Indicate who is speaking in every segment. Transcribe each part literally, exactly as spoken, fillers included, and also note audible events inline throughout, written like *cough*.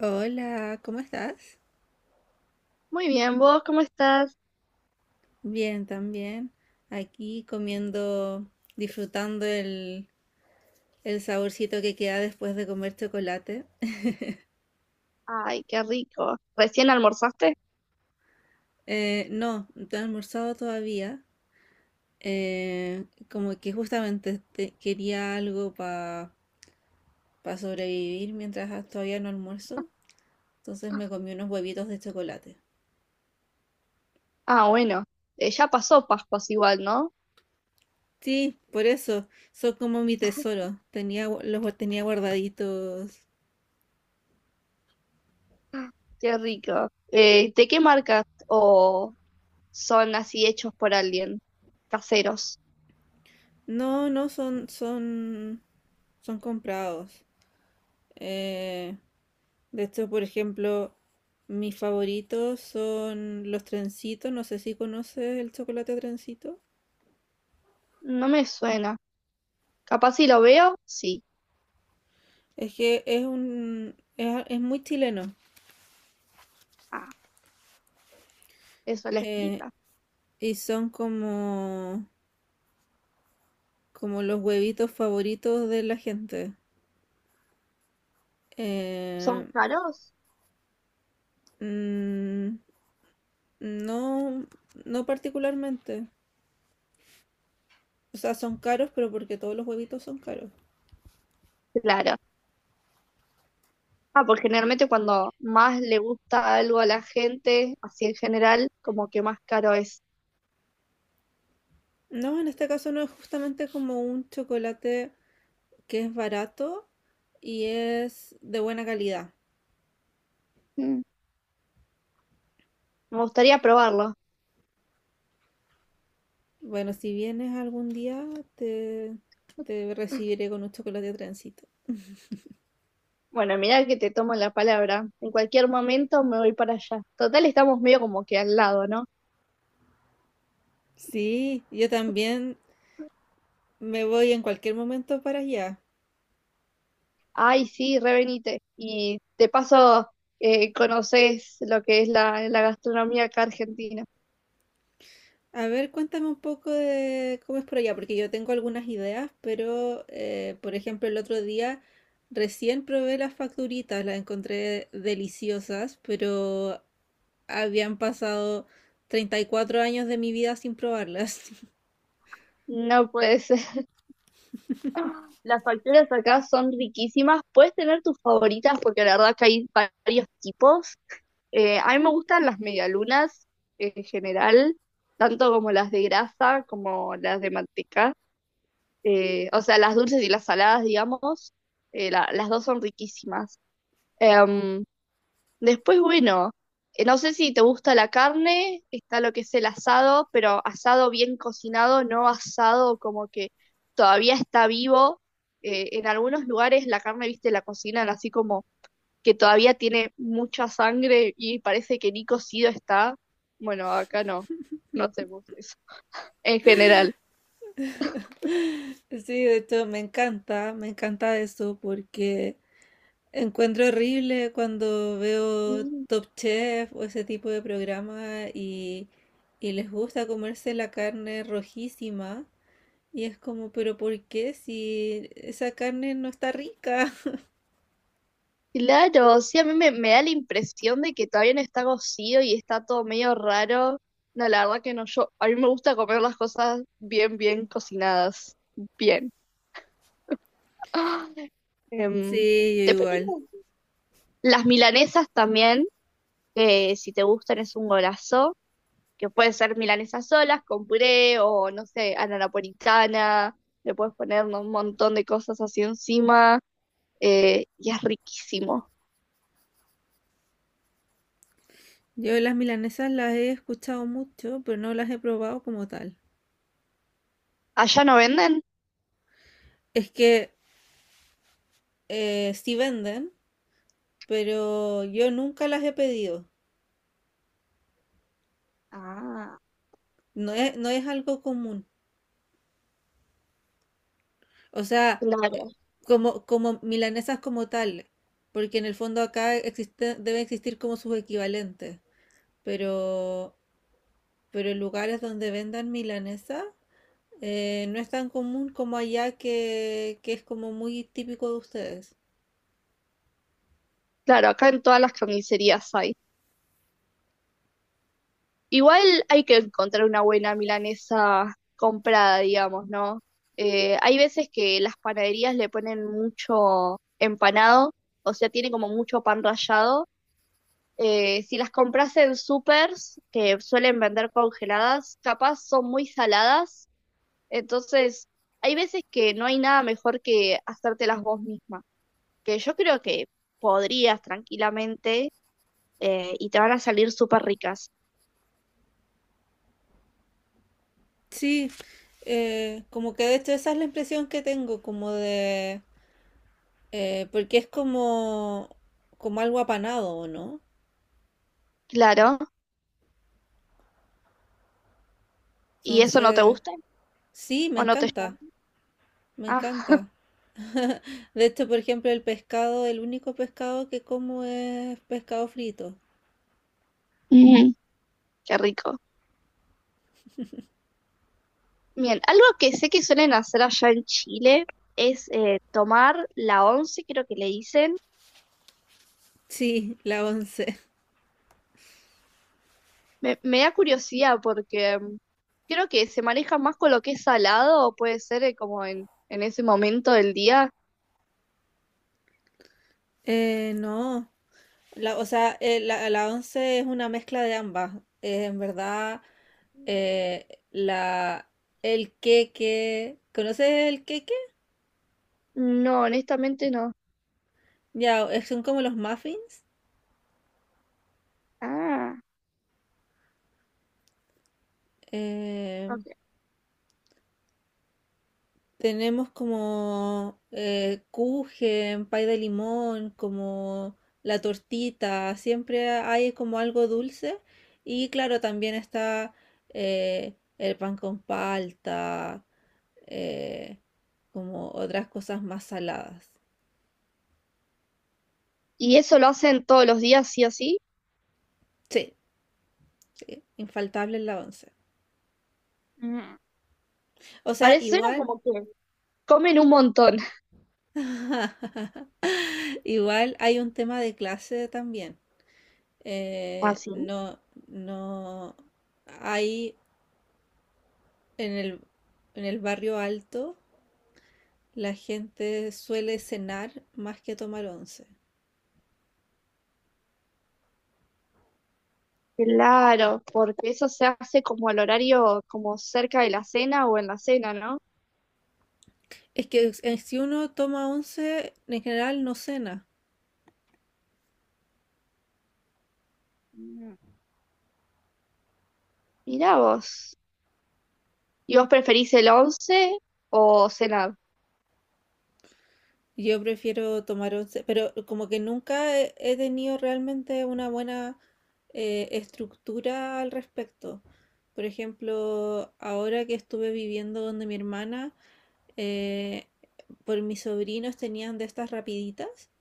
Speaker 1: Hola, ¿cómo estás?
Speaker 2: Muy bien, ¿vos cómo estás?
Speaker 1: Bien, también. Aquí comiendo, disfrutando el, el saborcito que queda después de comer chocolate.
Speaker 2: Ay, qué rico. ¿Recién almorzaste?
Speaker 1: Eh, no, no he almorzado todavía. Eh, Como que justamente te- quería algo para sobrevivir mientras todavía no almuerzo. Entonces me comí unos huevitos de chocolate.
Speaker 2: Ah, bueno, eh, ya pasó Pascuas igual, ¿no?
Speaker 1: Sí, por eso, son como mi tesoro. Tenía, gu- los gu- Tenía guardaditos.
Speaker 2: Ah, qué rico. Eh, ¿de qué marca o son así hechos por alguien? Caseros.
Speaker 1: No, no son, son, son comprados. Eh, de hecho, por ejemplo, mis favoritos son los trencitos. No sé si conoces el chocolate trencito.
Speaker 2: No me suena. Capaz si lo veo, sí.
Speaker 1: Es que es un, es, es muy chileno.
Speaker 2: Ah, eso le
Speaker 1: eh,
Speaker 2: explica.
Speaker 1: y son como, como los huevitos favoritos de la gente.
Speaker 2: ¿Son
Speaker 1: Eh,
Speaker 2: caros?
Speaker 1: mm, no, no particularmente. O sea, son caros, pero porque todos los huevitos son caros.
Speaker 2: Claro. Ah, porque generalmente cuando más le gusta algo a la gente, así en general, como que más caro es.
Speaker 1: No, en este caso no es justamente como un chocolate que es barato y es de buena calidad.
Speaker 2: Mm, me gustaría probarlo.
Speaker 1: Bueno, si vienes algún día, te, te recibiré con un chocolate trencito.
Speaker 2: Bueno, mira que te tomo la palabra. En cualquier momento me voy para allá. Total, estamos medio como que al lado, ¿no?
Speaker 1: Sí, yo también me voy en cualquier momento para allá.
Speaker 2: Ay, sí, revenite. Y de paso, eh, conoces lo que es la, la gastronomía acá argentina.
Speaker 1: A ver, cuéntame un poco de cómo es por allá, porque yo tengo algunas ideas, pero eh, por ejemplo, el otro día recién probé las facturitas, las encontré deliciosas, pero habían pasado treinta y cuatro años de mi vida sin probarlas. *laughs*
Speaker 2: No puede ser. *laughs* Las facturas acá son riquísimas. Puedes tener tus favoritas porque la verdad que hay varios tipos. Eh, a mí me gustan las medialunas en general, tanto como las de grasa como las de manteca. Eh, o sea, las dulces y las saladas, digamos, eh, la- las dos son riquísimas. Em, Después, bueno, eh, no sé si te gusta la carne, está lo que es el asado, pero asado bien cocinado, no asado como que todavía está vivo. Eh, en algunos lugares la carne, viste, la cocinan así como que todavía tiene mucha sangre y parece que ni cocido está. Bueno, acá no, no hacemos eso en general.
Speaker 1: Sí, de hecho me encanta, me encanta eso porque encuentro horrible cuando veo Top Chef o ese tipo de programa y, y les gusta comerse la carne rojísima. Y es como, pero ¿por qué si esa carne no está rica? *laughs*
Speaker 2: Claro, sí, a mí me, me da la impresión de que todavía no está cocido y está todo medio raro. No, la verdad que no, yo, a mí me gusta comer las cosas bien, bien cocinadas, bien. *gasps* Ah, Em,
Speaker 1: Sí, yo
Speaker 2: después
Speaker 1: igual.
Speaker 2: tengo las milanesas también, que si te gustan es un golazo, que puede ser milanesas solas, con puré o no sé, a la napolitana, le puedes poner, ¿no, un montón de cosas así encima, eh, y es riquísimo?
Speaker 1: Yo las milanesas las he escuchado mucho, pero no las he probado como tal.
Speaker 2: ¿Allá no venden?
Speaker 1: Es que eh, sí venden, pero yo nunca las he pedido.
Speaker 2: Ah,
Speaker 1: No es, no es algo común. O sea,
Speaker 2: claro.
Speaker 1: como, como milanesas como tal, porque en el fondo acá existe, debe existir como sus equivalentes. Pero, pero en lugares donde vendan milanesa, eh, no es tan común como allá que, que es como muy típico de ustedes.
Speaker 2: Claro, acá en todas las carnicerías hay. Igual hay que encontrar una buena milanesa comprada, digamos, ¿no? Eh, hay veces que las panaderías le ponen mucho empanado, o sea, tiene como mucho pan rallado. Eh, si las compras en supers, que suelen vender congeladas, capaz son muy saladas, entonces hay veces que no hay nada mejor que hacértelas vos misma, que yo creo que podrías tranquilamente, eh, y te van a salir súper ricas.
Speaker 1: Sí, eh, como que de hecho esa es la impresión que tengo, como de... eh, porque es como, como algo apanado, ¿o ¿no?
Speaker 2: Claro. ¿Y eso no te
Speaker 1: Entonces,
Speaker 2: gusta?
Speaker 1: sí, me
Speaker 2: ¿O no te
Speaker 1: encanta,
Speaker 2: llama?
Speaker 1: me
Speaker 2: Ah,
Speaker 1: encanta.
Speaker 2: *laughs*
Speaker 1: De hecho, por ejemplo, el pescado, el único pescado que como es pescado frito.
Speaker 2: ujú, qué rico. Bien, algo que sé que suelen hacer allá en Chile es, eh, tomar la once, creo que le dicen.
Speaker 1: Sí, la once. *laughs*
Speaker 2: Me, me da curiosidad porque, mm, creo que se maneja más con lo que es salado o puede ser, eh, como en, en ese momento del día.
Speaker 1: Eh, no, la, o sea, eh, la, la once es una mezcla de ambas. Eh, en verdad, eh, la, el queque, ¿conoces el queque?
Speaker 2: No, honestamente no.
Speaker 1: Ya, eh, son como los muffins.
Speaker 2: Ah,
Speaker 1: eh,
Speaker 2: ok.
Speaker 1: Tenemos como eh, kuchen, pay de limón, como la tortita, siempre hay como algo dulce. Y claro, también está eh, el pan con palta, eh, como otras cosas más saladas.
Speaker 2: ¿Y eso lo hacen todos los días, sí o sí?
Speaker 1: Sí, sí, infaltable en la once.
Speaker 2: Mm.
Speaker 1: O sea,
Speaker 2: Parece, suena
Speaker 1: igual,
Speaker 2: como que comen un montón. *laughs*
Speaker 1: *laughs* igual hay un tema de clase también. Eh,
Speaker 2: Así.
Speaker 1: no, no hay. En el, en el barrio alto, la gente suele cenar más que tomar once.
Speaker 2: Claro, porque eso se hace como al horario, como cerca de la cena o en la cena, ¿no?
Speaker 1: Es que eh, si uno toma once, en general no cena.
Speaker 2: Mm, mirá vos. ¿Y vos preferís el once o cenar?
Speaker 1: Yo prefiero tomar once, pero como que nunca he, he tenido realmente una buena eh, estructura al respecto. Por ejemplo, ahora que estuve viviendo donde mi hermana, eh, por mis sobrinos tenían de estas rapiditas.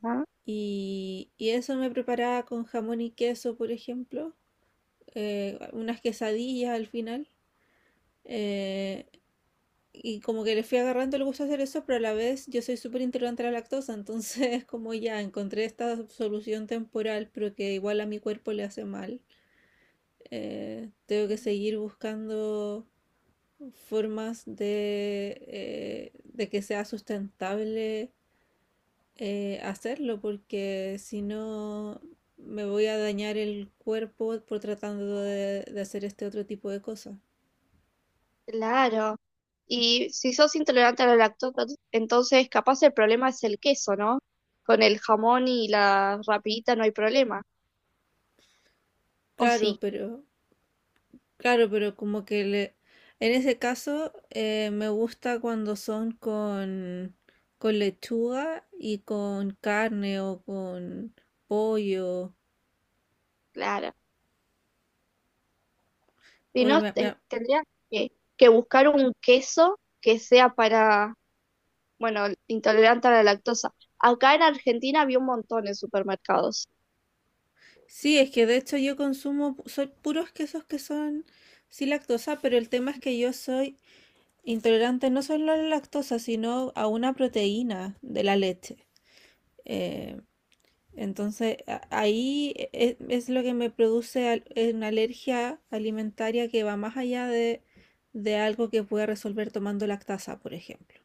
Speaker 2: Ajá.
Speaker 1: Y, y eso me preparaba con jamón y queso, por ejemplo, eh, unas quesadillas al final. eh, y como que le fui agarrando el gusto a hacer eso, pero a la vez yo soy súper intolerante a la lactosa, entonces *laughs* como ya encontré esta solución temporal, pero que igual a mi cuerpo le hace mal, eh, tengo
Speaker 2: No.
Speaker 1: que seguir buscando formas de, eh, de que sea sustentable eh, hacerlo porque si no me voy a dañar el cuerpo por tratando de, de hacer este otro tipo de cosas.
Speaker 2: Claro. Y si sos intolerante a la lactosa, entonces capaz el problema es el queso, ¿no? Con el jamón y la rapidita no hay problema. O
Speaker 1: Claro,
Speaker 2: sí,
Speaker 1: pero claro, pero como que le, en ese caso eh, me gusta cuando son con con lechuga y con carne o con pollo.
Speaker 2: claro. Si
Speaker 1: Uy,
Speaker 2: no,
Speaker 1: me- me-
Speaker 2: te- tendrías que, que buscar un queso que sea para, bueno, intolerante a la lactosa. Acá en Argentina había un montón de supermercados.
Speaker 1: sí, es que de hecho yo consumo pu- soy puros quesos que son sin lactosa, pero el tema es que yo soy intolerante no solo a la lactosa, sino a una proteína de la leche. Eh, entonces, ahí e- e, es, lo que me produce eh, una alergia alimentaria que va más allá de, de algo que pueda resolver tomando lactasa, por ejemplo.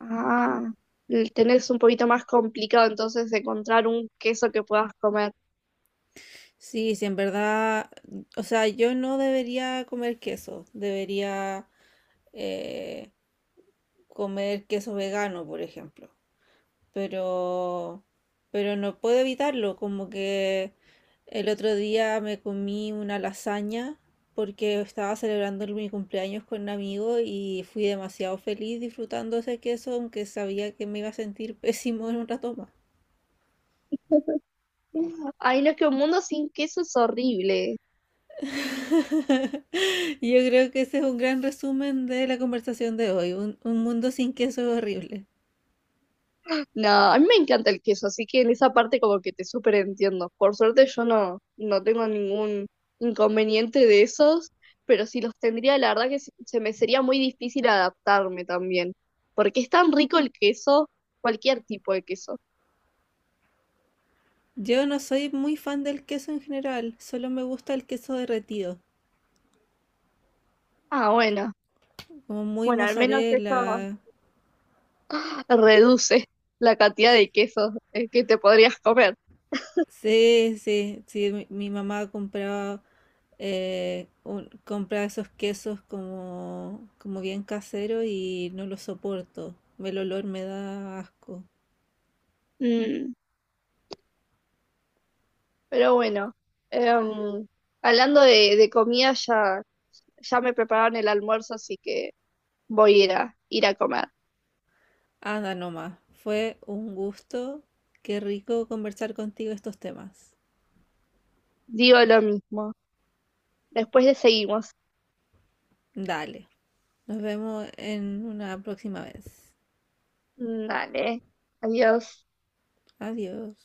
Speaker 2: Ah, el tener es un poquito más complicado entonces de encontrar un queso que puedas comer.
Speaker 1: Sí, sí, en verdad, o sea, yo no debería comer queso, debería eh, comer queso vegano, por ejemplo. pero, pero no puedo evitarlo, como que el otro día me comí una lasaña porque estaba celebrando el- mi cumpleaños con un amigo y fui demasiado feliz disfrutando ese queso, aunque sabía que me iba a sentir *laughs* pésimo en un rato más.
Speaker 2: Ay, no, es que un mundo sin queso es horrible.
Speaker 1: *laughs* Yo creo que ese es un gran resumen de la conversación de hoy. Un, un mundo sin queso es horrible.
Speaker 2: No, a mí me encanta el queso, así que en esa parte como que te súper entiendo. Por suerte yo no, no tengo ningún inconveniente de esos, pero si los tendría, la verdad que se, se me sería muy difícil adaptarme también, porque es tan rico el queso, cualquier tipo de queso.
Speaker 1: Yo no soy muy fan del queso en general, solo me gusta el queso derretido,
Speaker 2: Ah, bueno.
Speaker 1: como muy
Speaker 2: Bueno, al menos eso
Speaker 1: mozzarella.
Speaker 2: reduce la cantidad de quesos, eh, que te podrías comer.
Speaker 1: Sí, sí, sí, mi, mi mamá compraba, eh, un- compraba esos quesos como, como bien caseros y no los soporto. El olor me da asco.
Speaker 2: Mm, pero bueno, em, hablando de, de comida, ya, ya me prepararon el almuerzo, así que voy a ir a, ir a comer.
Speaker 1: Anda nomás, fue un gusto. Qué rico conversar contigo estos temas.
Speaker 2: Digo lo mismo. Después le seguimos.
Speaker 1: Dale, nos vemos en una próxima vez.
Speaker 2: Mm, dale. Adiós.
Speaker 1: Adiós.